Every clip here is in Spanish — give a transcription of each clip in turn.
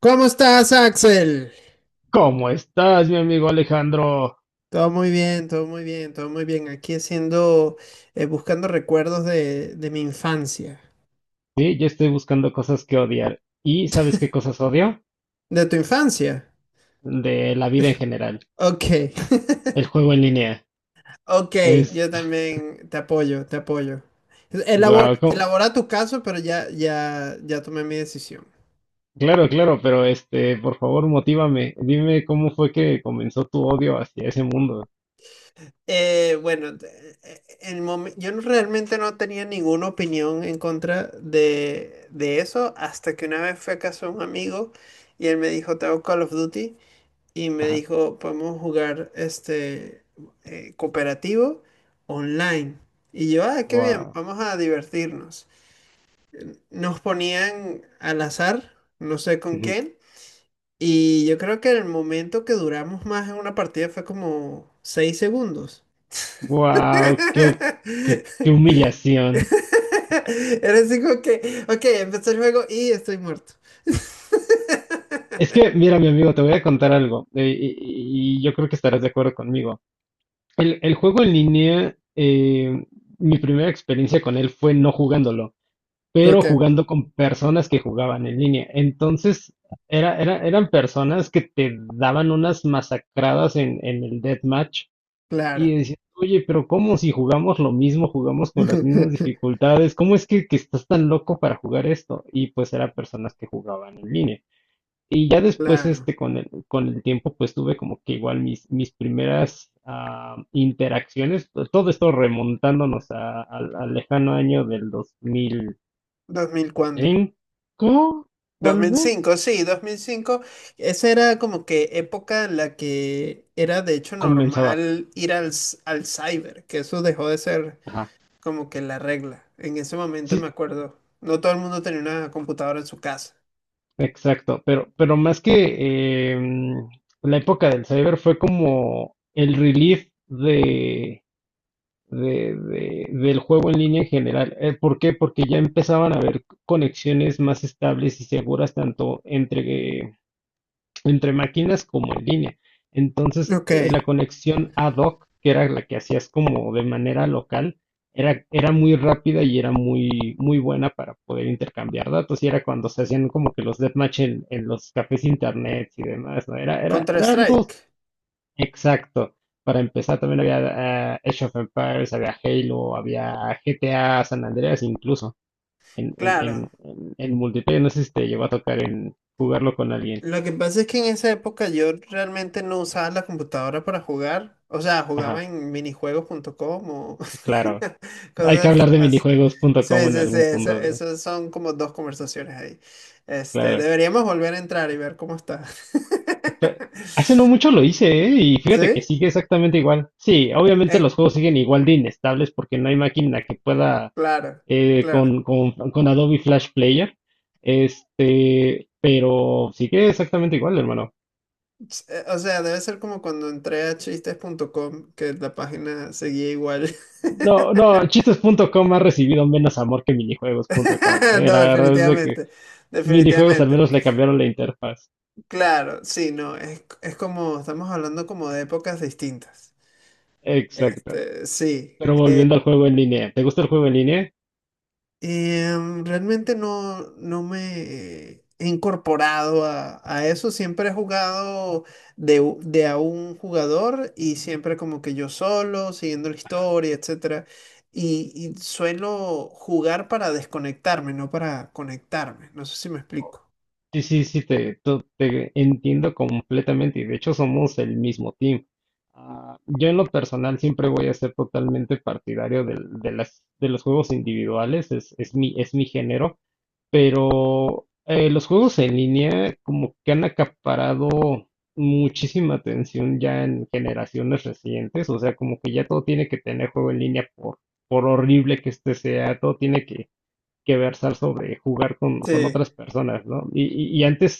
¿Cómo estás, Axel? ¿Cómo estás, mi amigo Alejandro? Todo muy bien, todo muy bien, todo muy bien. Aquí haciendo, buscando recuerdos de mi infancia. Sí, yo estoy buscando cosas que odiar. ¿Y sabes qué cosas odio? ¿De tu infancia? De la vida en general. Ok. El juego en línea. Ok, Es... yo también te apoyo, te apoyo. Elabora, guau, ¿cómo? elabora tu caso, pero ya, ya, ya tomé mi decisión. Claro, claro, pero este, por favor, motívame. Dime cómo fue que comenzó tu odio hacia ese mundo. Bueno, yo no- realmente no tenía ninguna opinión en contra de eso hasta que una vez fui a casa de un amigo y él me dijo, tengo Call of Duty. Y me Ajá. dijo, podemos jugar este cooperativo online. Y yo, ah, qué bien, Wow. vamos a divertirnos. Nos ponían al azar, no sé con quién, y yo creo que el momento que duramos más en una partida fue como 6 segundos. Wow, qué humillación. Era así como que, ok, empezó el juego y estoy muerto. Es que, mira, mi amigo, te voy a contar algo, y yo creo que estarás de acuerdo conmigo. El juego en línea. Mi primera experiencia con él fue no jugándolo, pero Ok, jugando con personas que jugaban en línea. Entonces, eran personas que te daban unas masacradas en el deathmatch claro. y decías, oye, pero ¿cómo si jugamos lo mismo, jugamos con las mismas dificultades? ¿Cómo es que estás tan loco para jugar esto? Y pues eran personas que jugaban en línea. Y ya después, Claro. Con el tiempo, pues tuve como que igual mis primeras interacciones, todo esto remontándonos al lejano año del dos mil ¿Dos mil cuándo? cinco Dos tal mil vez, cinco, sí, dos mil cinco. Esa era como que época en la que era de hecho comenzaba. normal ir al, al cyber, que eso dejó de ser Ajá, como que la regla. En ese momento sí, me acuerdo, no todo el mundo tenía una computadora en su casa. exacto, pero más que la época del cyber fue como el relief del juego en línea en general. ¿Por qué? Porque ya empezaban a haber conexiones más estables y seguras tanto entre máquinas como en línea. Entonces, Ok. La conexión ad hoc, que era la que hacías como de manera local, era muy rápida y era muy, muy buena para poder intercambiar datos. Y era cuando se hacían como que los deathmatch en los cafés internet y demás, ¿no? Era Counter-Strike, algo exacto. Para empezar, también había Age of Empires, había Halo, había GTA San Andreas incluso claro. En multiplayer. No sé si te llegó a tocar en jugarlo con alguien. Lo que pasa es que en esa época yo realmente no usaba la computadora para jugar. O sea, Ajá, jugaba en minijuegos.com o claro. Hay que cosas hablar de así. Sí, minijuegos.com en sí, sí, algún eso, punto, eso son como dos conversaciones ahí. Este, claro. deberíamos volver a entrar y ver cómo está. Pe- Hace no mucho lo hice, ¿eh? Y fíjate que ¿Sí? sigue exactamente igual. Sí, obviamente Eh, los juegos siguen igual de inestables porque no hay máquina que pueda, claro, claro. Con Adobe Flash Player. Pero sigue exactamente igual, hermano. O sea, debe ser como cuando entré a chistes.com, que la página seguía igual. No, no, chistes.com ha recibido menos amor que minijuegos.com. La No, verdad es de que definitivamente, minijuegos al definitivamente. menos le cambiaron la interfaz. Claro, sí, no, es como, estamos hablando como de épocas distintas. Exacto. Este, sí. Pero volviendo al juego en línea, ¿te gusta el juego en línea? Realmente no, no me he incorporado a eso. Siempre he jugado de, de a un jugador y siempre como que yo solo, siguiendo la historia, etcétera. Y suelo jugar para desconectarme, no para conectarme. No sé si me explico. Sí, sí, sí, te entiendo completamente y de hecho somos el mismo team. Ah, yo en lo personal siempre voy a ser totalmente partidario de los juegos individuales. Es mi, es mi género, pero los juegos en línea como que han acaparado muchísima atención ya en generaciones recientes. O sea, como que ya todo tiene que tener juego en línea por horrible que este sea, todo tiene que versar sobre jugar con Sí. Sí, otras personas, ¿no? Y antes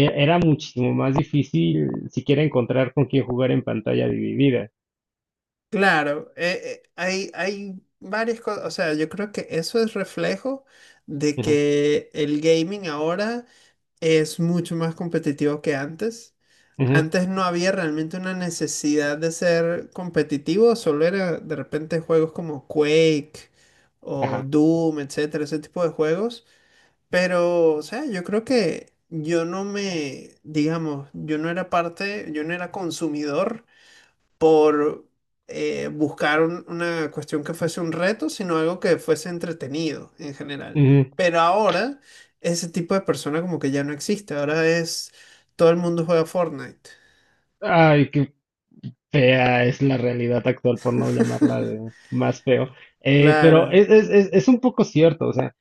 era muchísimo más difícil siquiera encontrar con quién jugar en pantalla dividida. claro. Hay, hay varias cosas. O sea, yo creo que eso es reflejo de Ujú, que el gaming ahora es mucho más competitivo que antes. ujú, Antes no había realmente una necesidad de ser competitivo, solo era de repente juegos como Quake o ajá, Doom, etcétera, ese tipo de juegos. Pero, o sea, yo creo que yo no me, digamos, yo no era parte, yo no era consumidor por buscar una cuestión que fuese un reto, sino algo que fuese entretenido en general. ujú. Pero ahora ese tipo de persona como que ya no existe, ahora es todo el mundo juega Fortnite. Ay, qué fea es la realidad actual, por no llamarla de más feo. Pero Claro, es un poco cierto. O sea,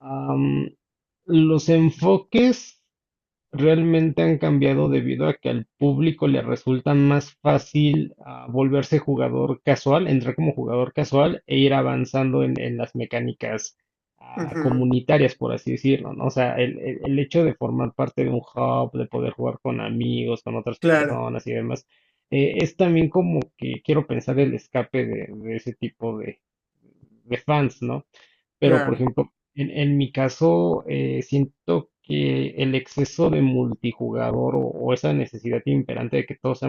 am, los enfoques realmente han cambiado debido a que al público le resulta más fácil, volverse jugador casual, entrar como jugador casual e ir avanzando en las mecánicas ujú, comunitarias, por así decirlo, ¿no? O sea, el hecho de formar parte de un hub, de poder jugar con amigos, con otras claro, personas y demás, es también como que quiero pensar el escape de ese tipo de fans, ¿no? Pero, por claro. ejemplo, en mi caso, siento que el exceso de multijugador o esa necesidad imperante de que todo sea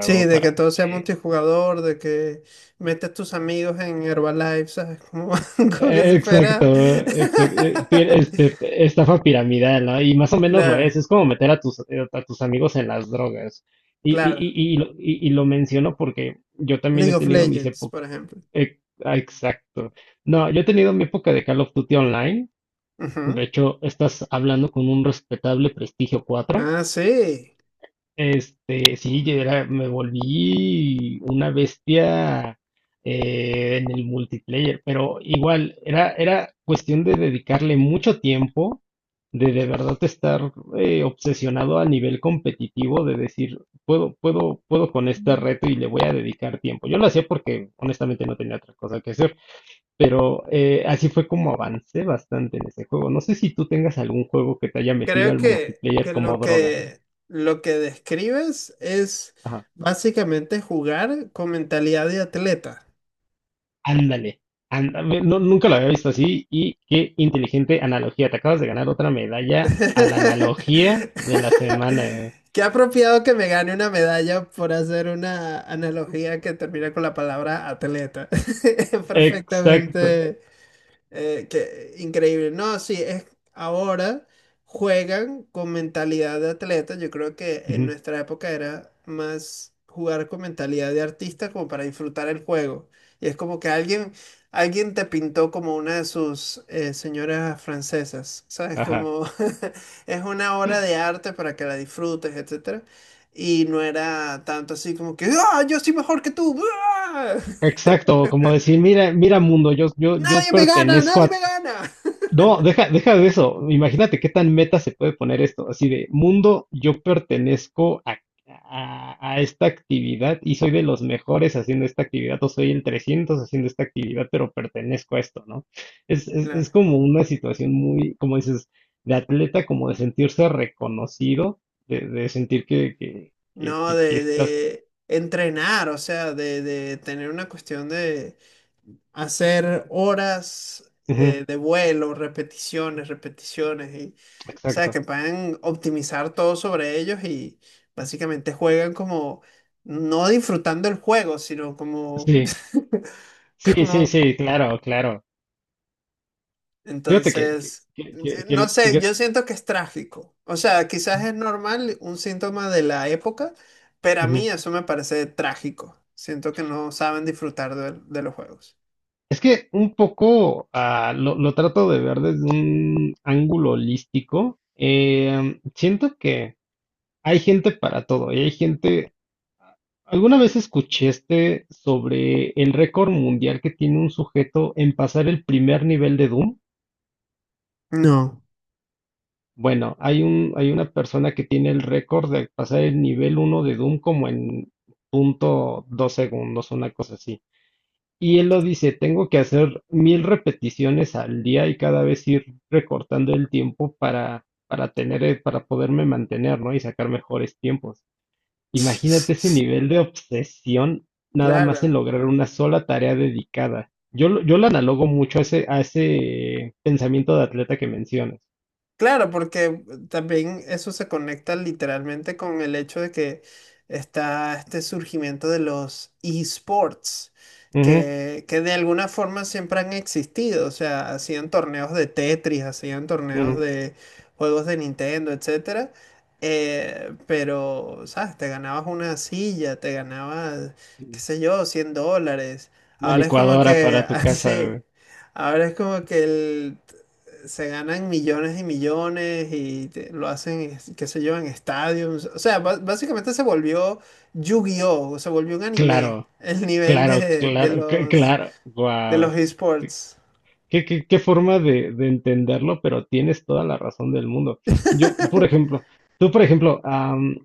Sí, de que para... todo sea eh, multijugador, de que metes tus amigos en Herbalife, ¿sabes? Como, como que si fuera... exacto, exacto, estafa piramidal, ¿no? Y más o menos lo Claro, es como meter a a tus amigos en las drogas. Y, claro. y, y lo menciono porque yo también League he of tenido mis Legends, por épocas. ejemplo. eh, Exacto. No, yo he tenido mi época de Call of Duty Online. De Ujú. hecho, estás hablando con un respetable prestigio cuatro. Ah, sí. Sí, me volví una bestia en el multiplayer, pero igual era cuestión de dedicarle mucho tiempo, de verdad estar obsesionado a nivel competitivo, de decir, puedo con este reto y le voy a dedicar tiempo. Yo lo hacía porque honestamente no tenía otra cosa que hacer. Pero así fue como avancé bastante en ese juego. No sé si tú tengas algún juego que te haya metido Creo al que, multiplayer como droga. Lo que describes es Ajá. básicamente jugar con mentalidad de atleta. Ándale. No, nunca lo había visto así, y qué inteligente analogía. Te acabas de ganar otra medalla a la analogía de la semana. Qué apropiado que me gane una medalla por hacer una analogía que termina con la palabra atleta. Exacto. Perfectamente. Increíble. No, sí, es, ahora juegan con mentalidad de atleta. Yo creo que en Ujú, nuestra época era más jugar con mentalidad de artista como para disfrutar el juego. Y es como que alguien, alguien te pintó como una de sus señoras francesas, ¿sabes? ajá. Como es una obra de arte para que la disfrutes, etcétera. Y no era tanto así como que, ¡ah, yo soy mejor que tú! ¡Ah! Exacto. Como decir, mira, mira mundo, yo ¡Nadie me gana! pertenezco ¡Nadie a... me gana! No, deja, deja de eso. Imagínate qué tan meta se puede poner esto. Así de, mundo, yo pertenezco a, a esta actividad, y soy de los mejores haciendo esta actividad, o soy el 300 haciendo esta actividad, pero pertenezco a esto, ¿no? Es Claro. como una situación muy, como dices, de atleta, como de sentirse reconocido, de sentir No, que estás... de entrenar, o sea, de tener una cuestión de hacer horas Ujú, de vuelo, repeticiones, repeticiones, y, o sea, exacto. que puedan optimizar todo sobre ellos y básicamente juegan como, no disfrutando el juego, sino como, Sí, sí, sí, como... sí, claro, claro. Fíjate Entonces, no sé, yo siento que es trágico. O sea, quizás es normal, un síntoma de la época, pero a mí ujú. eso me parece trágico. Siento que no saben disfrutar de los juegos. Es que un poco, lo trato de ver desde un ángulo holístico. Siento que hay gente para todo y hay gente... ¿Alguna vez escuchaste sobre el récord mundial que tiene un sujeto en pasar el primer nivel de Doom? No. Bueno, hay una persona que tiene el récord de pasar el nivel uno de Doom como en 0,2 segundos, una cosa así. Y él lo dice, tengo que hacer 1.000 repeticiones al día, y cada vez ir recortando el tiempo para tener, para poderme mantener, ¿no? Y sacar mejores tiempos. Imagínate ese nivel de obsesión nada más en Claro. lograr una sola tarea dedicada. Yo lo analogo mucho a ese pensamiento de atleta que mencionas. Claro, porque también eso se conecta literalmente con el hecho de que está este surgimiento de los esports, Ujú, que de alguna forma siempre han existido, o sea, hacían torneos de Tetris, hacían torneos ujú, de juegos de Nintendo, etcétera, pero, ¿sabes? Te ganabas una silla, te ganabas, qué ujú. sé yo, 100 dólares. Una Ahora es como licuadora que, para tu casa, así, güey. ahora es como que el se ganan millones y millones lo hacen, qué sé yo, en estadios. O sea, básicamente se volvió Yu-Gi-Oh! Se volvió un anime. Claro, El nivel claro, claro, claro. de los Wow. esports. Qué forma de entenderlo, pero tienes toda la razón del mundo. Yo, por ejemplo, tú, por ejemplo,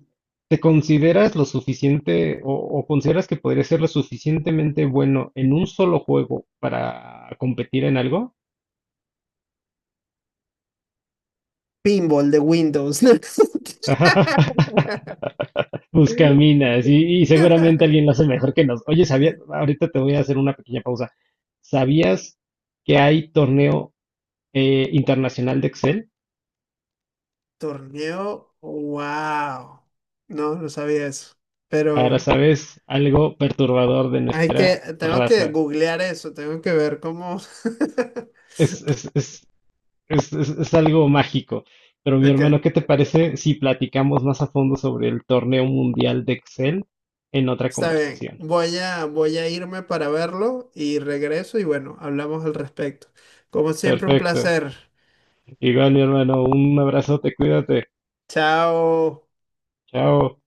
¿te consideras lo suficiente, o consideras que podrías ser lo suficientemente bueno en un solo juego para competir en algo? Pinball de Windows. Buscaminas, y seguramente alguien lo hace mejor que nos. Oye, sabía, ahorita te voy a hacer una pequeña pausa. ¿Sabías que hay torneo, internacional de Excel? Torneo, wow. No, no sabía eso. Ahora Pero sabes algo perturbador de hay que, nuestra tengo que raza. googlear eso, tengo que ver cómo. Es, es, es, es algo mágico. Pero mi hermano, Ok. ¿qué te parece si platicamos más a fondo sobre el torneo mundial de Excel en otra Está bien, conversación? voy a, voy a irme para verlo y regreso y bueno, hablamos al respecto. Como siempre, un Perfecto. placer. Igual, mi hermano, un abrazote, cuídate. Chao. Chao.